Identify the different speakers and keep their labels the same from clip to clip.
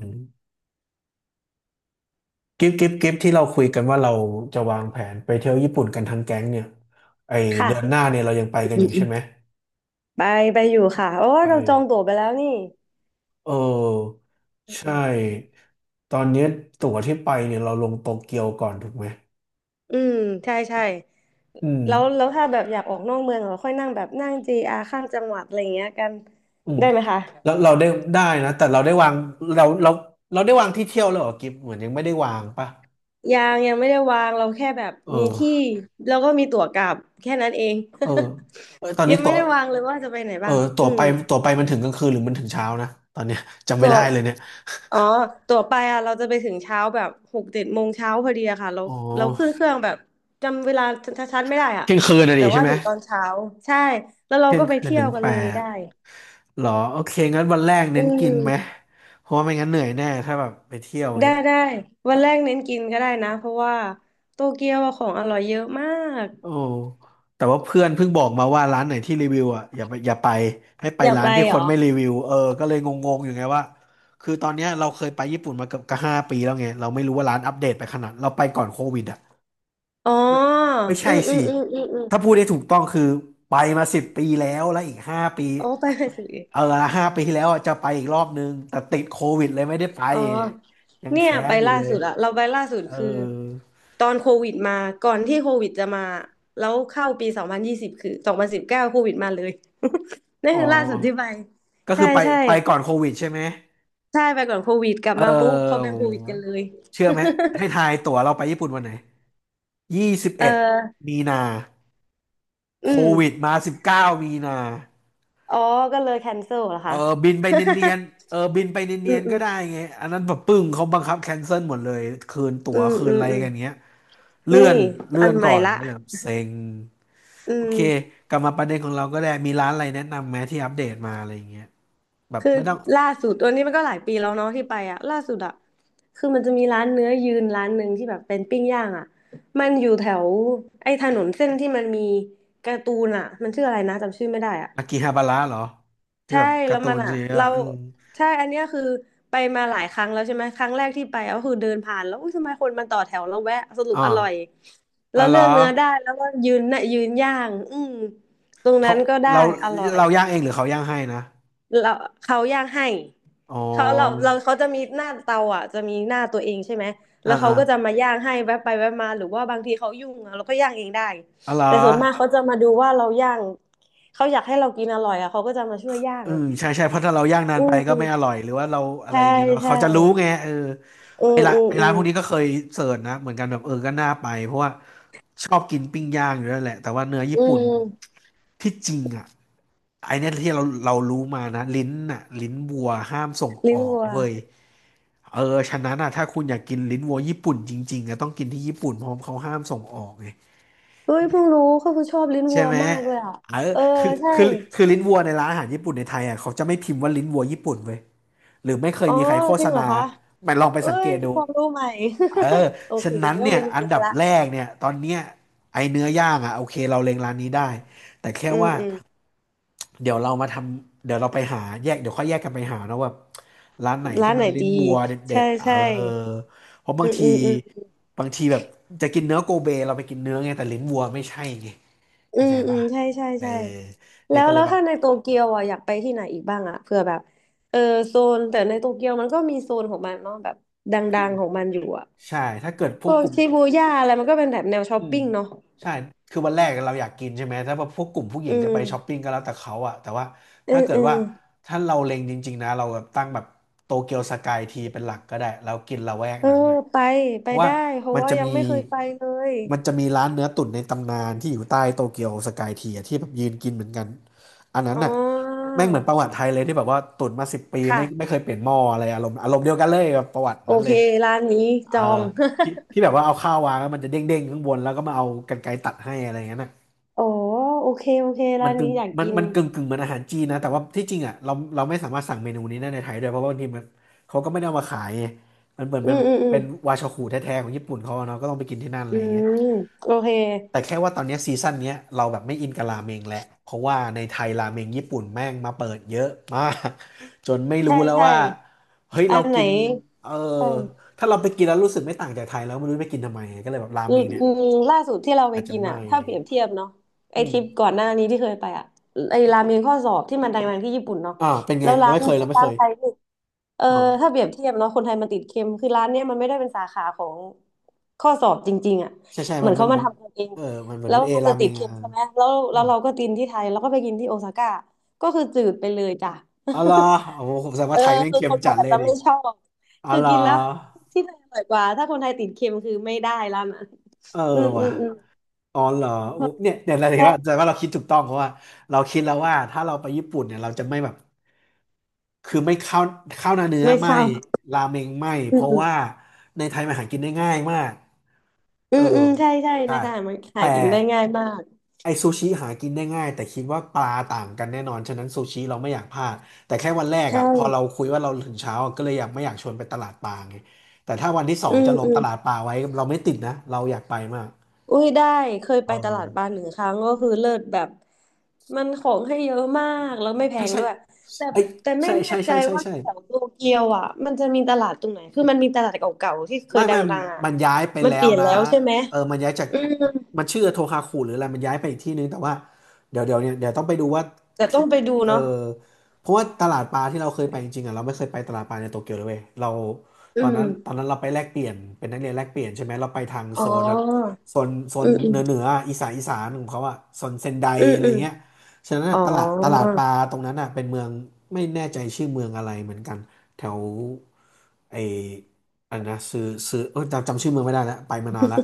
Speaker 1: อืมกิฟต์ที่เราคุยกันว่าเราจะวางแผนไปเที่ยวญี่ปุ่นกันทั้งแก๊งเนี่ยไอเดือนหน้า
Speaker 2: ค่ะ
Speaker 1: เนี่ยเรายังไปกัน
Speaker 2: อื
Speaker 1: อ
Speaker 2: ม
Speaker 1: ยู่
Speaker 2: อื
Speaker 1: ใช่
Speaker 2: ม
Speaker 1: ไหม
Speaker 2: ไปไปอยู่ค่ะโอ้
Speaker 1: ไป
Speaker 2: เราจองตั๋วไปแล้วนี่
Speaker 1: เออ
Speaker 2: อืม
Speaker 1: ใช่
Speaker 2: อืม
Speaker 1: ตอนนี้ตั๋วที่ไปเนี่ยเราลงโตเกียวก่อนถูกไหม
Speaker 2: อืมใช่ใช่
Speaker 1: อืม
Speaker 2: แล้วแล้วถ้าแบบอยากออกนอกเมืองเราค่อยนั่งแบบนั่งจีอาร์ข้ามจังหวัดอะไรอย่างเงี้ยกัน
Speaker 1: อืม
Speaker 2: ได้ไหมคะ
Speaker 1: แล้วเราได้ได้นะแต่เราได้วางเราเราเราได้วางที่เที่ยวแล้วเหรอกิฟต์เหมือนยังไม่ได้วางปะ
Speaker 2: ยังยังไม่ได้วางเราแค่แบบ
Speaker 1: เอ
Speaker 2: มีที่
Speaker 1: อ
Speaker 2: แล้วก็มีตั๋วกลับแค่นั้นเอง
Speaker 1: เออเอยตอน นี้
Speaker 2: ยัง
Speaker 1: ตั๋
Speaker 2: ไม่
Speaker 1: ว
Speaker 2: ได้วางเลยว่าจะไปไหน
Speaker 1: เออ
Speaker 2: บ้าง
Speaker 1: ตั๋ว
Speaker 2: อื
Speaker 1: ไป
Speaker 2: ม
Speaker 1: ตั๋วไปมันถึงกลางคืนหรือมันถึงเช้านะตอนเนี้ย จำไม่
Speaker 2: ตั๋ว
Speaker 1: ได้เลยเนี่ย
Speaker 2: อ๋อตั๋วไปอ่ะเราจะไปถึงเช้าแบบหกเจ็ดโมงเช้าพอดีอะค่ะเรา
Speaker 1: อ๋อ
Speaker 2: เราขึ้นเครื่องแบบจำเวลาชัดๆไม่ได้อ่ะ
Speaker 1: เที่ยงคืนน่ะ
Speaker 2: แต่
Speaker 1: ดิใช่
Speaker 2: ว่า
Speaker 1: ไหม
Speaker 2: ถึงตอนเช้าใช่แล้วเรา
Speaker 1: เที่ย
Speaker 2: ก็
Speaker 1: ง
Speaker 2: ไป
Speaker 1: คืน
Speaker 2: เที่ย
Speaker 1: ถึ
Speaker 2: ว
Speaker 1: ง
Speaker 2: กัน
Speaker 1: แป
Speaker 2: เลย
Speaker 1: ด
Speaker 2: ได้
Speaker 1: หรอโอเคงั้นวันแรก
Speaker 2: อื
Speaker 1: เน้นกินไหม
Speaker 2: ม
Speaker 1: เพราะว่าไม่งั้นเหนื่อยแน่ถ้าแบบไปเที่ยวอย่าง
Speaker 2: ได้
Speaker 1: เงี้ย
Speaker 2: ได้วันแรกเน้นกินก็ได้นะเพราะว่าโตเกียวอะของอร่อยเยอะมาก
Speaker 1: โอ้แต่ว่าเพื่อนเพิ่งบอกมาว่าร้านไหนที่รีวิวอ่ะอย่าไปอย่าไปให้ไป
Speaker 2: อยาก
Speaker 1: ร้า
Speaker 2: ไป
Speaker 1: นที่
Speaker 2: เห
Speaker 1: ค
Speaker 2: รอ
Speaker 1: นไม่รีวิวเออก็เลยงงๆอยู่ไงว่าคือตอนเนี้ยเราเคยไปญี่ปุ่นมาเกือบกห้าปีแล้วไงเราไม่รู้ว่าร้านอัปเดตไปขนาดเราไปก่อนโควิดอ่ะ
Speaker 2: อ๋อ
Speaker 1: ไม่ไม่
Speaker 2: อื
Speaker 1: ใช่
Speaker 2: มอื
Speaker 1: สิ
Speaker 2: มอืมอืมอืม
Speaker 1: ถ้าพูดได้ถูกต้องคือไปมาสิบปีแล้วแล้วอีกห้าปี
Speaker 2: โอ้ไปไปสิ
Speaker 1: เออ5 ปีที่แล้วอะจะไปอีกรอบนึงแต่ติดโควิดเลยไม่ได้ไป
Speaker 2: อ๋อ
Speaker 1: เนี่ยยัง
Speaker 2: เนี่ย
Speaker 1: แค้
Speaker 2: ไป
Speaker 1: นอยู่
Speaker 2: ล่า
Speaker 1: เลย
Speaker 2: สุดอะเราไปล่าสุด
Speaker 1: เออ
Speaker 2: คือตอนโควิดมาก่อนที่โควิดจะมาแล้วเข้าปี2020คือ2019โควิดมาเลย นั่น
Speaker 1: อ๋อ
Speaker 2: คือล่าสุดที่ไป
Speaker 1: ก็
Speaker 2: ใช่
Speaker 1: คือไป
Speaker 2: ใช่
Speaker 1: ไปก่อนโควิดใช่ไหม
Speaker 2: ใช่ไปก่อนโควิดกลับ
Speaker 1: เออ
Speaker 2: มาปุ๊บเขาเป็
Speaker 1: โห
Speaker 2: นโควิดกันเลย
Speaker 1: เชื่อไหมให้ทายตั๋วเราไปญี่ปุ่นวันไหนยี่สิบ
Speaker 2: เอ
Speaker 1: เอ็ด
Speaker 2: อ
Speaker 1: มีนา
Speaker 2: อื
Speaker 1: โค
Speaker 2: ม
Speaker 1: วิดมา19 มีนา
Speaker 2: อ๋อก็เลยแคนเซิลเหรอ
Speaker 1: เออ
Speaker 2: คะ
Speaker 1: บินไปเนียนๆเออบินไป
Speaker 2: อื
Speaker 1: เนีย
Speaker 2: ม
Speaker 1: น
Speaker 2: อื
Speaker 1: ๆก็
Speaker 2: ม
Speaker 1: ได้ไงอันนั้นแบบปึ้งเขาบังคับแคนเซิลหมดเลยคืนตั๋
Speaker 2: อื
Speaker 1: ว
Speaker 2: ม
Speaker 1: คืน
Speaker 2: อื
Speaker 1: อะ
Speaker 2: ม
Speaker 1: ไร
Speaker 2: อืม
Speaker 1: กันเงี้ยเลื่อ
Speaker 2: นี่
Speaker 1: นเลื่
Speaker 2: อั
Speaker 1: อ
Speaker 2: น
Speaker 1: น
Speaker 2: ให
Speaker 1: ก่
Speaker 2: ม่
Speaker 1: อน
Speaker 2: ละ
Speaker 1: ก็เลยแบบเซ็ง
Speaker 2: อื
Speaker 1: โอ
Speaker 2: ม
Speaker 1: เคกลับมาประเด็นของเราก็ได้มีร้านอะไรแนะนำไหมที่อัปเดตมาอะไรอย่างเงี้ยแบบ
Speaker 2: คือ
Speaker 1: ไม่ต้อง
Speaker 2: ล่าสุดตัวนี้มันก็หลายปีแล้วเนาะที่ไปอ่ะล่าสุดอ่ะคือมันจะมีร้านเนื้อยืนร้านหนึ่งที่แบบเป็นปิ้งย่างอ่ะมันอยู่แถวไอ้ถนนเส้นที่มันมีการ์ตูนอ่ะมันชื่ออะไรนะจำชื่อไม่ได้อ่ะ
Speaker 1: อากิฮาบาระเหรอที่
Speaker 2: ใช่
Speaker 1: แบบกา
Speaker 2: แล้
Speaker 1: ร์
Speaker 2: ว
Speaker 1: ตู
Speaker 2: มัน
Speaker 1: น
Speaker 2: อ่ะ
Speaker 1: ชีวิต
Speaker 2: เรา
Speaker 1: อะอืม
Speaker 2: ใช่อันเนี้ยคือไปมาหลายครั้งแล้วใช่ไหมครั้งแรกที่ไปก็คือเดินผ่านแล้วอุ้ยทำไมคนมันต่อแถวแล้วแวะสรุป
Speaker 1: อ่า
Speaker 2: อร่อย
Speaker 1: อ๋
Speaker 2: แล้
Speaker 1: อ
Speaker 2: ว
Speaker 1: เหร
Speaker 2: เลื
Speaker 1: อ
Speaker 2: อกเนื้อได้แล้วก็ยืนน่ะยืนย่างอืมตรง
Speaker 1: เขา
Speaker 2: นั้นก็ได้
Speaker 1: เรา
Speaker 2: อร่อย
Speaker 1: เราย่างเองหรือเขาย่างให้นะ
Speaker 2: เราเขาย่างให้
Speaker 1: อ๋อ
Speaker 2: เขาเราเราเขาจะมีหน้าเตาอ่ะจะมีหน้าตัวเองใช่ไหม
Speaker 1: อ่า
Speaker 2: แล้วเขา
Speaker 1: อ่า
Speaker 2: ก็จะมาย่างให้แวบไปแวบมาหรือว่าบางทีเขายุ่งอะเราก็ย่างเองได้
Speaker 1: อ๋อเหรอ
Speaker 2: แต่ส่วนมากเขาจะมาดูว่าเราย่างเขาอยากให้เรากินอร่อยอ่ะเขาก็จะมาช่วยย่า
Speaker 1: อื
Speaker 2: ง
Speaker 1: อใช่ใช่เพราะถ้าเราย่างนาน
Speaker 2: อื
Speaker 1: ไป
Speaker 2: ม
Speaker 1: ก็
Speaker 2: อืม
Speaker 1: ไม่อร่อยหรือว่าเราอะไร
Speaker 2: ใช่
Speaker 1: อย่างเงี้ยเนาะ
Speaker 2: ใช่
Speaker 1: เขาจะรู้ไงเออ
Speaker 2: อื
Speaker 1: ไอ้
Speaker 2: ม
Speaker 1: ร้าน
Speaker 2: อืม
Speaker 1: ไอ้
Speaker 2: อื
Speaker 1: ร้านพ
Speaker 2: ม
Speaker 1: วกนี้ก็เคยเสิร์ชนะเหมือนกันแบบเออก็น่าไปเพราะว่าชอบกินปิ้งย่างอยู่แล้วแหละแต่ว่าเนื้อญี่
Speaker 2: อื
Speaker 1: ปุ่น
Speaker 2: ม
Speaker 1: ที่จริงอ่ะไอ้เนี่ยที่เรารู้มานะลิ้นอ่ะลิ้นวัวห้ามส่งอ
Speaker 2: ลิ้
Speaker 1: อ
Speaker 2: น
Speaker 1: ก
Speaker 2: วัว
Speaker 1: เว้ยเออฉะนั้นอ่ะถ้าคุณอยากกินลิ้นวัวญี่ปุ่นจริงๆอ่ะต้องกินที่ญี่ปุ่นเพราะเขาห้ามส่งออกไง
Speaker 2: เฮ้ยเพิ่งรู้เขาคือชอบลิ้น
Speaker 1: ใช่
Speaker 2: วัว
Speaker 1: ไหม
Speaker 2: มากเลยอ่ะ
Speaker 1: เออ
Speaker 2: เออ
Speaker 1: คือ
Speaker 2: ใช่
Speaker 1: คือคือลิ้นวัวในร้านอาหารญี่ปุ่นในไทยอ่ะเขาจะไม่พิมพ์ว่าลิ้นวัวญี่ปุ่นเว้ย หรือไม่เคย
Speaker 2: อ๋อ
Speaker 1: มีใครโฆ
Speaker 2: จ
Speaker 1: ษ
Speaker 2: ริงเหร
Speaker 1: ณา
Speaker 2: อคะ
Speaker 1: มันลองไป
Speaker 2: เอ้
Speaker 1: สังเก
Speaker 2: ย
Speaker 1: ตดู
Speaker 2: ความรู้ใหม่
Speaker 1: เออ
Speaker 2: โอ
Speaker 1: ฉะ
Speaker 2: เค
Speaker 1: นั้น
Speaker 2: ต้อง
Speaker 1: เนี่
Speaker 2: ไป
Speaker 1: ย
Speaker 2: กิน
Speaker 1: อัน
Speaker 2: เนื้อ
Speaker 1: ดับ
Speaker 2: ละ
Speaker 1: แรกเนี่ยตอนเนี้ยไอเนื้อย่างอ่ะโอเคเราเล็งร้านนี้ได้แต่แค่
Speaker 2: อืม
Speaker 1: ว่า
Speaker 2: อืม
Speaker 1: เดี๋ยวเรามาทำเดี๋ยวเราไปหาแยกเดี๋ยวค่อยแยกกันไปหาเนอะว่าร้านไหนที่
Speaker 2: ร้าน
Speaker 1: มั
Speaker 2: ไหน
Speaker 1: นลิ้น
Speaker 2: ดี
Speaker 1: วัวเด็
Speaker 2: ใช่
Speaker 1: ดๆเอ
Speaker 2: ใช่
Speaker 1: อเพราะ
Speaker 2: อื
Speaker 1: บาง
Speaker 2: ม
Speaker 1: ที
Speaker 2: อืมอืม
Speaker 1: บางทีแบบจะกินเนื้อโกเบเราไปกินเนื้อไงแต่ลิ้นวัวไม่ใช่ไง
Speaker 2: อื
Speaker 1: เข้าใจ
Speaker 2: มอื
Speaker 1: ป่ะ
Speaker 2: มใช่ใช่
Speaker 1: เออ
Speaker 2: ใช่
Speaker 1: เนี่
Speaker 2: แล้
Speaker 1: ย
Speaker 2: ว
Speaker 1: ก็เล
Speaker 2: แล้
Speaker 1: ย
Speaker 2: ว
Speaker 1: แบบ
Speaker 2: ถ้าในโตเกียวอ่ะอยากไปที่ไหนอีกบ้างอ่ะเผื่อแบบเออโซนแต่ในโตเกียวมันก็มีโซนของมันเนาะแบบดังๆของมันอยู่อ่ะ
Speaker 1: ใช่ถ้าเกิดพ
Speaker 2: พ
Speaker 1: วก
Speaker 2: วก
Speaker 1: กลุ่ม
Speaker 2: ชิบูย่าอะไรมันก็เป็นแบบแนวช้อ
Speaker 1: อื
Speaker 2: ป
Speaker 1: ม
Speaker 2: ปิ้งเนาะ
Speaker 1: ใช่คือวันแรกเราอยากกินใช่ไหมถ้าพวกกลุ่มผู้หญิ
Speaker 2: อื
Speaker 1: งจะไปช้อปปิ้
Speaker 2: ม
Speaker 1: งก็แล้วแต่เขาอะแต่ว่า
Speaker 2: เออ
Speaker 1: ถ้าเกิ
Speaker 2: เอ
Speaker 1: ด
Speaker 2: อ
Speaker 1: ว่าถ้าเราเล็งจริงๆนะเราแบบตั้งแบบโตเกียวสกายทีเป็นหลักก็ได้เรากินละแวก
Speaker 2: เออ
Speaker 1: นั้นนะ
Speaker 2: ไป
Speaker 1: เพ
Speaker 2: ไป
Speaker 1: ราะว่า
Speaker 2: ได้เพราะ
Speaker 1: มัน
Speaker 2: ว่า
Speaker 1: จะ
Speaker 2: ยั
Speaker 1: มี
Speaker 2: งไม่เคยไปเลย
Speaker 1: มันจะมีร้านเนื้อตุ๋นในตำนานที่อยู่ใต้โตเกียวสกายทีอะที่แบบยืนกินเหมือนกันอันนั้น
Speaker 2: อ๋อ
Speaker 1: น่ะแม่งเหมือนประวัติไทยเลยที่แบบว่าตุ๋นมาสิบปีไม่
Speaker 2: ค่ะ
Speaker 1: เคยเปลี่ยนหม้ออะไรอารมณ์เดียวกันเลยแบบประวัติ
Speaker 2: โอ
Speaker 1: นั้นเล
Speaker 2: เค
Speaker 1: ย
Speaker 2: ร้านนี้
Speaker 1: เอ
Speaker 2: จ
Speaker 1: อ
Speaker 2: อง
Speaker 1: ที่ที่แบบว่าเอาข้าววางแล้วมันจะเด้งเด้งข้างบนแล้วก็มาเอากรรไกรตัดให้อะไรอย่างนั้นน่ะ
Speaker 2: อ๋อโอเคโอเค
Speaker 1: มั
Speaker 2: ร้า
Speaker 1: น
Speaker 2: น
Speaker 1: กึ่
Speaker 2: นี้
Speaker 1: ง
Speaker 2: อยาก
Speaker 1: มัน
Speaker 2: กิน
Speaker 1: มันกึ่งกึ่งเหมือนอาหารจีนนะแต่ว่าที่จริงอ่ะเราไม่สามารถสั่งเมนูนี้ได้ในไทยด้วยเพราะว่าบางทีมันเขาก็ไม่ได้เอามาขายไงมันเหมือน
Speaker 2: อื
Speaker 1: เป็น
Speaker 2: ม
Speaker 1: แบบ
Speaker 2: อืมอืม
Speaker 1: เป็นวาชาคุแท้ๆของญี่ปุ่นเขาอะเนาะก็ต้องไปกินที่นั่นอะ
Speaker 2: อื
Speaker 1: ไรอย่างเงี้ย
Speaker 2: มโอเค
Speaker 1: แต่แค่ว่าตอนเนี้ยซีซั่นเนี้ยเราแบบไม่อินกับราเมงแล้วเพราะว่าในไทยราเมงญี่ปุ่นแม่งมาเปิดเยอะมาก จนไม่
Speaker 2: ใช่
Speaker 1: รู้แล้ว
Speaker 2: ใช่
Speaker 1: ว่าเฮ้ย
Speaker 2: อั
Speaker 1: เรา
Speaker 2: นไหน
Speaker 1: กินเออ
Speaker 2: ใช่
Speaker 1: ถ้าเราไปกินแล้วรู้สึกไม่ต่างจากไทยแล้วไม่รู้ไปกินทำไมก็เลยแบบรา
Speaker 2: อื
Speaker 1: เม
Speaker 2: ม
Speaker 1: งเนี่ย
Speaker 2: อืมล่าสุดที่เราไป
Speaker 1: อาจจะ
Speaker 2: กินอ่ะ
Speaker 1: ไม่
Speaker 2: ถ้าเปรียบเทียบเนาะไอ
Speaker 1: อื
Speaker 2: ท
Speaker 1: ม
Speaker 2: ริปก่อนหน้านี้ที่เคยไปอ่ะไอราเมงข้อสอบที่มันดังๆที่ญี่ปุ่นเนาะ
Speaker 1: อ่าเป็นไง
Speaker 2: แล้ว
Speaker 1: เรา
Speaker 2: ร้าน
Speaker 1: ไม่เคยเรา
Speaker 2: ที่
Speaker 1: ไม่เค
Speaker 2: ร้าน
Speaker 1: ย
Speaker 2: ไทยนี่เออ
Speaker 1: อ๋อ
Speaker 2: ถ้าเปรียบเทียบเนาะคนไทยมันติดเค็มคือร้านเนี้ยมันไม่ได้เป็นสาขาของข้อสอบจริงๆอ่ะ
Speaker 1: ใช่ใช่
Speaker 2: เหมื
Speaker 1: มั
Speaker 2: อ
Speaker 1: น
Speaker 2: น
Speaker 1: มั
Speaker 2: เขา
Speaker 1: น
Speaker 2: มา
Speaker 1: มัน
Speaker 2: ทำกันเอง
Speaker 1: เออมันเหมือน
Speaker 2: แล้
Speaker 1: มั
Speaker 2: ว
Speaker 1: นเอ
Speaker 2: มัน
Speaker 1: รา
Speaker 2: จะ
Speaker 1: เม
Speaker 2: ติด
Speaker 1: ง
Speaker 2: เค็
Speaker 1: อ่ะ
Speaker 2: มใช่ไหมแล้ว
Speaker 1: อ๋
Speaker 2: แล้วเราก็กินที่ไทยแล้วก็ไปกินที่โอซาก้าก็คือจืดไปเลยจ้ะ
Speaker 1: อาเหระโอ้โหผมแสด ง
Speaker 2: เอ
Speaker 1: ว่า
Speaker 2: อ
Speaker 1: ไทยแม่ง
Speaker 2: คือ
Speaker 1: เค็
Speaker 2: ค
Speaker 1: ม
Speaker 2: นไท
Speaker 1: จั
Speaker 2: ย
Speaker 1: ด
Speaker 2: อา
Speaker 1: เล
Speaker 2: จ
Speaker 1: ย
Speaker 2: จะ
Speaker 1: ดิ
Speaker 2: ไม่ชอบ
Speaker 1: อ๋อ
Speaker 2: คือ
Speaker 1: เหรอ
Speaker 2: กินแล้วที่ไทยอร่อยกว่าถ้าคนไทยติดเค็มคือไม่ได้แล้วนะ
Speaker 1: เออ
Speaker 2: อืมอื
Speaker 1: ว่ะ
Speaker 2: มอืม
Speaker 1: อ๋อเหรออุ๊ยเนี่ยเราเห็นว่าแต่
Speaker 2: ใช่
Speaker 1: ว่าเราคิดถูกต้องเพราะว่าเราคิดแล้วว่าถ้าเราไปญี่ปุ่นเนี่ยเราจะไม่แบบคือไม่ข้าวข้าวหน้าเนื้อ
Speaker 2: ไม่
Speaker 1: ไม่
Speaker 2: เข้า
Speaker 1: ราเมงไม่
Speaker 2: อื
Speaker 1: เพ
Speaker 2: ม
Speaker 1: ราะ
Speaker 2: อืม
Speaker 1: ว่าในไทยมันหากินได้ง่ายมาก
Speaker 2: อื
Speaker 1: เออ
Speaker 2: มอืมใช่ใช่
Speaker 1: ใช่
Speaker 2: นะคะมันหา
Speaker 1: แต่
Speaker 2: กินได้ง่ายมาก
Speaker 1: ไอซูชิหากินได้ง่ายแต่คิดว่าปลาต่างกันแน่นอนฉะนั้นซูชิเราไม่อยากพลาดแต่แค่วันแรก
Speaker 2: ใช่
Speaker 1: อ่ะพอเราคุยว่าเราถึงเช้าอะก็เลยอยากไม่อยากชวนไปตลาดปลาไงแต่ถ้าวันที่สอ
Speaker 2: อื
Speaker 1: ง
Speaker 2: ม
Speaker 1: จะลง
Speaker 2: อืม
Speaker 1: ตลาดปลาไว้เราไม่ติดนะเราอยากไปมาก
Speaker 2: อุ้ยได้เคย
Speaker 1: เอ
Speaker 2: ไป
Speaker 1: อ
Speaker 2: ตลาดบาาหนึ่งครั้งก็คือเลิศแบบมันของให้เยอะมากแล้วไม่แพ
Speaker 1: ใช่
Speaker 2: ง
Speaker 1: ใช่
Speaker 2: ด้วยแต่
Speaker 1: เอ้ย
Speaker 2: แต่ไม่
Speaker 1: ใช่
Speaker 2: แน่
Speaker 1: ใช่
Speaker 2: ใจ
Speaker 1: ใช่ใช่
Speaker 2: ว่า
Speaker 1: ใช่
Speaker 2: แถวโตเกียวอ่ะมันจะมีตลาดตรงไหนคือมันมีตลาดเก่าๆที่เค
Speaker 1: ไม่
Speaker 2: ยด
Speaker 1: ไม่
Speaker 2: ังๆอ่ะ
Speaker 1: มันย้ายไป
Speaker 2: มัน
Speaker 1: แล้
Speaker 2: เป
Speaker 1: ว
Speaker 2: ลี่ยน
Speaker 1: นะ
Speaker 2: แล้วใช่ไหม
Speaker 1: เออมันย้ายจาก
Speaker 2: อืม
Speaker 1: มันชื่อโทคาคุหรืออะไรมันย้ายไปอีกที่นึงแต่ว่าเดี๋ยวต้องไปดูว่า
Speaker 2: แต่ต้
Speaker 1: ที่
Speaker 2: องไปดู
Speaker 1: เออ
Speaker 2: เนาะ
Speaker 1: เพราะว่าตลาดปลาที่เราเคยไปจริงๆอ่ะเราไม่เคยไปตลาดปลาในโตเกียวเลยเว้ยเราต
Speaker 2: อื
Speaker 1: อนนั้นตอน
Speaker 2: ม
Speaker 1: นั้นเราไปแลกเปลี่ยนเป็นนักเรียนแลกเปลี่ยนใช่ไหมเราไปทาง
Speaker 2: อ๋
Speaker 1: โซ
Speaker 2: อ
Speaker 1: นแบบโซนโซ
Speaker 2: อื
Speaker 1: น
Speaker 2: มอื
Speaker 1: เห
Speaker 2: ม
Speaker 1: นือเหนืออีสานของเขาอะโซนเซนได
Speaker 2: อืม
Speaker 1: อะไร
Speaker 2: อืม
Speaker 1: เงี้ยฉะนั้น
Speaker 2: อ๋
Speaker 1: น่ะ
Speaker 2: อ
Speaker 1: ตลาดปลาตรงนั้นอะเป็นเมืองไม่แน่ใจชื่อเมืองอะไรเหมือนกันแถวไอ อันนะซื้อเออจำชื่อเมืองไม่ได้แล้วไปมานานละ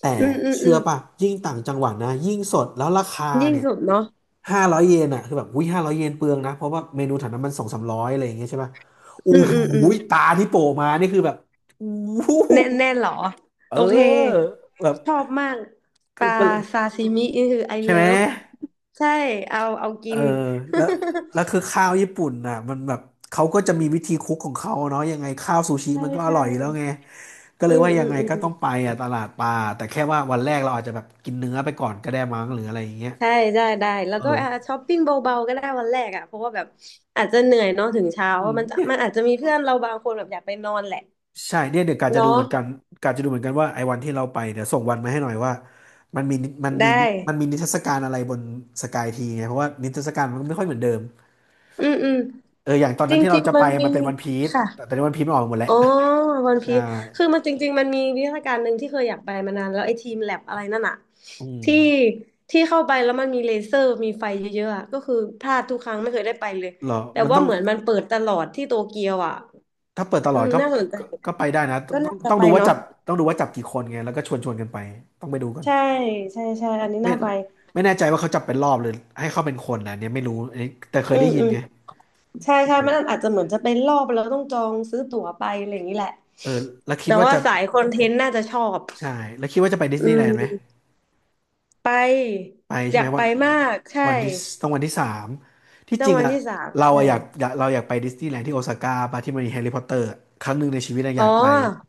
Speaker 1: แต่
Speaker 2: อืมอืมอื
Speaker 1: เชื่อ
Speaker 2: ม
Speaker 1: ป่ะยิ่งต่างจังหวัดนะยิ่งสดแล้วราคา
Speaker 2: ยิ่ง
Speaker 1: เนี่ย
Speaker 2: สุดเนาะ
Speaker 1: ห้าร้อยเยนอ่ะคือแบบอุ้ยห้าร้อยเยนเปลืองนะเพราะว่าเมนูแถวนั้นมันสองสามร้อยอะไรอย่างเงี้ยใช่ป่ะโอ้
Speaker 2: อืม
Speaker 1: โ
Speaker 2: อืมอื
Speaker 1: ห
Speaker 2: ม
Speaker 1: ตาที่โผล่มานี่คือแบบอู้หู
Speaker 2: แน่นแน่นเหรอ
Speaker 1: เอ
Speaker 2: โอเค
Speaker 1: อแบบ
Speaker 2: ชอบมากป
Speaker 1: ก็
Speaker 2: ลา
Speaker 1: ก็เลย
Speaker 2: ซาซิมินี่คือไอ
Speaker 1: ใช่
Speaker 2: เลิ
Speaker 1: ไหม
Speaker 2: ฟใช่เอาเอา
Speaker 1: เอ
Speaker 2: กิ
Speaker 1: อ
Speaker 2: น
Speaker 1: แล้วแล้ว คือข้าวญี่ปุ่นน่ะมันแบบเขาก็จะมีวิธีคุกของเขาเนาะยังไงข้าวซูชิ
Speaker 2: ใช่
Speaker 1: มันก็อ
Speaker 2: ใช่
Speaker 1: ร่อยอยู่แล้วไงก็
Speaker 2: อื
Speaker 1: เลย
Speaker 2: ม
Speaker 1: ว่า
Speaker 2: อื
Speaker 1: ยัง
Speaker 2: ม
Speaker 1: ไง
Speaker 2: อื
Speaker 1: ก็
Speaker 2: ม
Speaker 1: ต้องไปอ่ะตลาดปลาแต่แค่ว่าวันแรกเราอาจจะแบบกินเนื้อไปก่อนก็ได้มั้งหรืออะไรอย่างเงี้ย
Speaker 2: ใช่ได้ได้แล้วก็
Speaker 1: เออ
Speaker 2: อ่าช้อปปิ้งเบาๆก็ได้วันแรกอ่ะเพราะว่าแบบอาจจะเหนื่อยเนาะถึงเช้า
Speaker 1: อืม
Speaker 2: มันจะ
Speaker 1: เนี่ย
Speaker 2: มันอาจจะมีเพื่อนเราบางคนแบบอยากไปนอนแหละ
Speaker 1: ใช่เนี่ยเดี๋ยวกาจะดู
Speaker 2: เนาะ
Speaker 1: เหมือนกันกาจะดูเหมือนกันว่าไอ้วันที่เราไปเดี๋ยวส่งวันมาให้หน่อยว่ามันมีมัน
Speaker 2: ได
Speaker 1: มีมัน
Speaker 2: ้
Speaker 1: มีนิทรรศการอะไรบนสกายทีไงเพราะว่านิทรรศการมันไม่ค่อยเหมือนเดิม
Speaker 2: อืมอืม
Speaker 1: เอออย่างตอน
Speaker 2: จร
Speaker 1: นั้นที่เรา
Speaker 2: ิง
Speaker 1: จะ
Speaker 2: ๆมั
Speaker 1: ไป
Speaker 2: นมี
Speaker 1: มันเป็นวันพีซ
Speaker 2: ค่ะ
Speaker 1: แต่ตอนนี้วันพีซมันออกหมดแล้ว
Speaker 2: อ๋อวันพี
Speaker 1: ใช่
Speaker 2: คือมันจริงๆมันมีวิทยาการหนึ่งที่เคยอยากไปมานานแล้วไอ้ทีมแลบอะไรนั่นอะ
Speaker 1: อืม
Speaker 2: ที่ที่เข้าไปแล้วมันมีเลเซอร์มีไฟเยอะๆอะก็คือพลาดทุกครั้งไม่เคยได้ไปเลย
Speaker 1: เหรอ
Speaker 2: แต่
Speaker 1: มัน
Speaker 2: ว่า
Speaker 1: ต้อง
Speaker 2: เหมือนมันเปิดตลอดที่โตเกียวอะ
Speaker 1: ถ้าเปิดต
Speaker 2: อื
Speaker 1: ลอด
Speaker 2: ม
Speaker 1: ก็
Speaker 2: น่าสนใจ
Speaker 1: ก็
Speaker 2: เหมือนกั
Speaker 1: ก็
Speaker 2: น
Speaker 1: ไปได้นะ
Speaker 2: ก็
Speaker 1: ต้องต้อ
Speaker 2: น่า
Speaker 1: ง
Speaker 2: จะ
Speaker 1: ต้อง
Speaker 2: ไป
Speaker 1: ดูว่า
Speaker 2: เนาะ
Speaker 1: จับต้องดูว่าจับกี่คนไงแล้วก็ชวนกันไป ต้องไปดูกัน
Speaker 2: ใช่ใช่ใช่อันนี้
Speaker 1: ไม่
Speaker 2: น่าไป
Speaker 1: ไม่แน่ใจว่าเขาจับเป็นรอบหรือให้เข้าเป็นคนนะเนี่ยไม่รู้อันนี้แต่เค
Speaker 2: อื
Speaker 1: ยได้
Speaker 2: ม
Speaker 1: ยิ
Speaker 2: อื
Speaker 1: น
Speaker 2: ม
Speaker 1: ไง
Speaker 2: ใช่ใช่มันอาจจะเหมือนจะเป็นรอบแล้วต้องจองซื้อตั๋วไปอะไรอย่างนี้แหละ
Speaker 1: เออแล้วคิด
Speaker 2: แต่
Speaker 1: ว่า
Speaker 2: ว่า
Speaker 1: จะ
Speaker 2: สายคอนเทนต์น่าจะชอบ
Speaker 1: ใช่แล้วคิดว่าจะไปดิส
Speaker 2: อื
Speaker 1: นีย์แลนด์ไหม
Speaker 2: มไป
Speaker 1: ไปใช่
Speaker 2: อ
Speaker 1: ไห
Speaker 2: ยา
Speaker 1: ม
Speaker 2: ก
Speaker 1: วั
Speaker 2: ไป
Speaker 1: น
Speaker 2: มากใช่
Speaker 1: วันที่ต้องวันที่สามที่
Speaker 2: ต้
Speaker 1: จ
Speaker 2: อง
Speaker 1: ริง
Speaker 2: วัน
Speaker 1: อ่ะ
Speaker 2: ที่สาม
Speaker 1: เรา
Speaker 2: ใช่
Speaker 1: อะอยากอยากเราอยากไปดิสนีย์แลนด์ที่โอซาก้าปะที่มันมีแฮร์รี่พอตเตอร์ครั้งหนึ่งในชีวิตอะอ
Speaker 2: อ๋อ
Speaker 1: ยากไป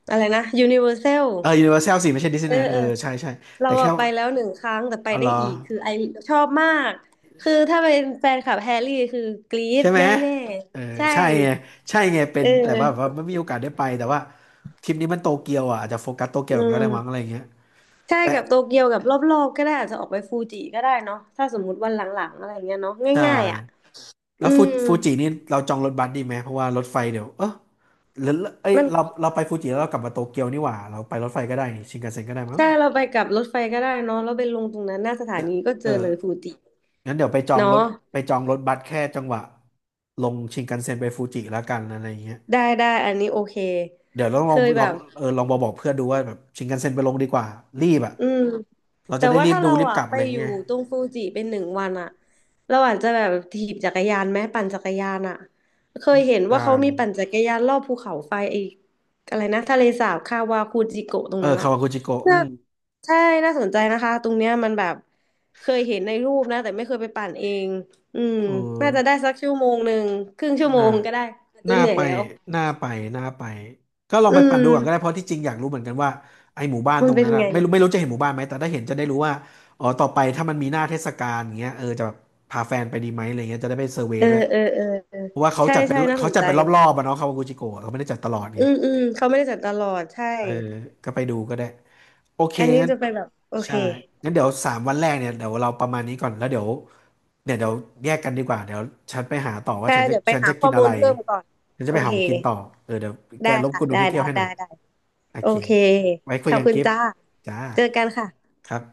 Speaker 2: อะไรนะ Universal
Speaker 1: เออยูนิเวอร์แซลสิไม่ใช่ดิสนี
Speaker 2: เอ
Speaker 1: ย์แล
Speaker 2: อ
Speaker 1: นด์เอ
Speaker 2: เอ
Speaker 1: อ
Speaker 2: อ
Speaker 1: ใช่ใช่
Speaker 2: เรา
Speaker 1: แต่แค่
Speaker 2: อะไป
Speaker 1: ว่า
Speaker 2: แล้วหนึ่งครั้งแต่ไป
Speaker 1: อ๋อเห
Speaker 2: ได้
Speaker 1: รอ
Speaker 2: อีกคือไอชอบมากคือถ้าเป็นแฟนคลับแฮร์รี่คือกรี๊
Speaker 1: ใช่
Speaker 2: ด
Speaker 1: ไหม
Speaker 2: แน่
Speaker 1: เออ
Speaker 2: ๆใช่
Speaker 1: ใช่ไงใช่ไงเป็
Speaker 2: เอ
Speaker 1: นแต่
Speaker 2: อ
Speaker 1: ว่าแบบว่าไม่มีโอกาสได้ไป แต่ว่าทริปนี้มันโตเกียวอ่ะอาจจะโฟกัสโตเกีย
Speaker 2: อื
Speaker 1: วก็ได้มั้งอะไร
Speaker 2: ม
Speaker 1: เงี้ย
Speaker 2: ใช่
Speaker 1: แต่
Speaker 2: กับโตเกียวกับรอบๆก็ได้อาจจะออกไปฟูจิก็ได้เนาะถ้าสมมุติวันหลังๆอะไรเงี้ยเนาะ
Speaker 1: ใช่
Speaker 2: ง่ายๆอ่ะ
Speaker 1: แล้
Speaker 2: อื
Speaker 1: วฟู
Speaker 2: ม
Speaker 1: ฟูจินี่เราจองรถบัสดีไหมเพราะว่ารถไฟเดี๋ยว เออหรือเอ้ย
Speaker 2: มัน
Speaker 1: เราเราไปฟูจิแล้วเรากลับมาโตเกียวนี่หว่าเราไปรถไฟก็ได้นี่ชินคันเซ็นก็ได้มั้ง
Speaker 2: ใช่เราไปกับรถไฟก็ได้เนาะแล้วไปลงตรงนั้นหน้าสถานีก็เจ
Speaker 1: เออ
Speaker 2: อเลยฟูจิ
Speaker 1: งั้นเดี๋ยวไปจอง
Speaker 2: เนาะ
Speaker 1: รถไปจองรถบัสแค่จังหวะลงชินคันเซ็นไปฟูจิแล้วกันอะไรเงี้ย
Speaker 2: ได้ได้อันนี้โอเค
Speaker 1: เดี๋ยวลอง
Speaker 2: เค
Speaker 1: ลอง
Speaker 2: ย
Speaker 1: ล
Speaker 2: แบ
Speaker 1: อง
Speaker 2: บ
Speaker 1: เออลองบอกเพื่อนดูว่าแบบชินคันเซ็นไปลงดีกว่ารีบอ่ะ
Speaker 2: อืม
Speaker 1: เรา
Speaker 2: แต่
Speaker 1: จะได้
Speaker 2: ว่า
Speaker 1: รีบ
Speaker 2: ถ้า
Speaker 1: ดู
Speaker 2: เรา
Speaker 1: รีบก
Speaker 2: อ่ะ
Speaker 1: ลับ
Speaker 2: ไป
Speaker 1: อะไร
Speaker 2: อยู่
Speaker 1: เงี้ย
Speaker 2: ตรงฟูจิเป็นหนึ่งวันอ่ะเราอาจจะแบบถีบจักรยานไหมปั่นจักรยานอ่ะเคยเห็นว่า
Speaker 1: อ่า
Speaker 2: เขามีปั่นจักรยานรอบภูเขาไฟไอ้อะไรนะทะเลสาบคาวาคูจิโกะตรง
Speaker 1: เออ
Speaker 2: นั้นอ่ะ
Speaker 1: คาวากุจิโกะอื
Speaker 2: น่า
Speaker 1: ม
Speaker 2: ใช่น่าสนใจนะคะตรงเนี้ยมันแบบเคยเห็นในรูปนะแต่ไม่เคยไปปั่นเองอืม
Speaker 1: เออ
Speaker 2: น่าจะได้สักชั่วโมงหนึ่งครึ่งชั่วโม
Speaker 1: น่า
Speaker 2: งก็ได้อาจจะ
Speaker 1: น่า
Speaker 2: เหนื่อย
Speaker 1: ไป
Speaker 2: แล้ว
Speaker 1: น่าไปน่าไปก็ลอง
Speaker 2: อื
Speaker 1: ไปปั่นดูก่อนก็ได้เพ
Speaker 2: ม
Speaker 1: ราะที่จริงอยากรู้เหมือนกันว่าไอหมู่บ้าน
Speaker 2: มั
Speaker 1: ต
Speaker 2: น
Speaker 1: รง
Speaker 2: เป็น
Speaker 1: นั้นอะ
Speaker 2: ไง
Speaker 1: ไม่รู้ไม่รู้จะเห็นหมู่บ้านไหมแต่ถ้าเห็นจะได้รู้ว่าอ๋อต่อไปถ้ามันมีหน้าเทศกาลอย่างเงี้ยเออจะแบบพาแฟนไปดีไหมอะไรเงี้ยจะได้ไปเซอร์เว
Speaker 2: เอ
Speaker 1: ย์
Speaker 2: อ
Speaker 1: ด้วย
Speaker 2: เออเออเออ
Speaker 1: เพราะว่าเขา
Speaker 2: ใช่
Speaker 1: จัดเป็น
Speaker 2: ใช่น่าส
Speaker 1: เขา
Speaker 2: น
Speaker 1: จัด
Speaker 2: ใจ
Speaker 1: เป็นรอบๆอะเนาะคาวากุจิโกะเขาไม่ได้จัดตลอด
Speaker 2: อื
Speaker 1: ไง
Speaker 2: มอืมเขาไม่ได้จัดตลอดใช่
Speaker 1: เออก็ไปดูก็ได้โอเค
Speaker 2: อันนี้
Speaker 1: งั้น
Speaker 2: จะไปแบบโอเค
Speaker 1: ใช่งั้นเดี๋ยว3 วันแรกเนี่ยเดี๋ยวเราประมาณนี้ก่อน แล้วเดี๋ยวเนี่ยเดี๋ยวแยกกันดีกว่า เดี๋ยวฉันไปหาต่อว่า
Speaker 2: ใช่
Speaker 1: ฉันจะ
Speaker 2: เดี๋ยวไป
Speaker 1: ฉัน
Speaker 2: หา
Speaker 1: จะ
Speaker 2: ข้
Speaker 1: กิ
Speaker 2: อ
Speaker 1: น
Speaker 2: มู
Speaker 1: อะไร
Speaker 2: ลเพิ่มก่อน
Speaker 1: ฉันจะ
Speaker 2: โอ
Speaker 1: ไปหา
Speaker 2: เค
Speaker 1: ของกินต่อเออเดี๋ยวแก
Speaker 2: ได้
Speaker 1: รบก
Speaker 2: ค่ะ
Speaker 1: วนดู
Speaker 2: ได้
Speaker 1: ที่เที่
Speaker 2: ได้
Speaker 1: ยวให้ห
Speaker 2: ได้
Speaker 1: น่อย
Speaker 2: ได้
Speaker 1: โอ
Speaker 2: โอ
Speaker 1: เค
Speaker 2: เค
Speaker 1: ไว้
Speaker 2: ข
Speaker 1: คุย
Speaker 2: อบ
Speaker 1: กัน
Speaker 2: คุณ
Speaker 1: กิฟต์
Speaker 2: จ้า
Speaker 1: จ้า
Speaker 2: เจอกันค่ะ
Speaker 1: ครับ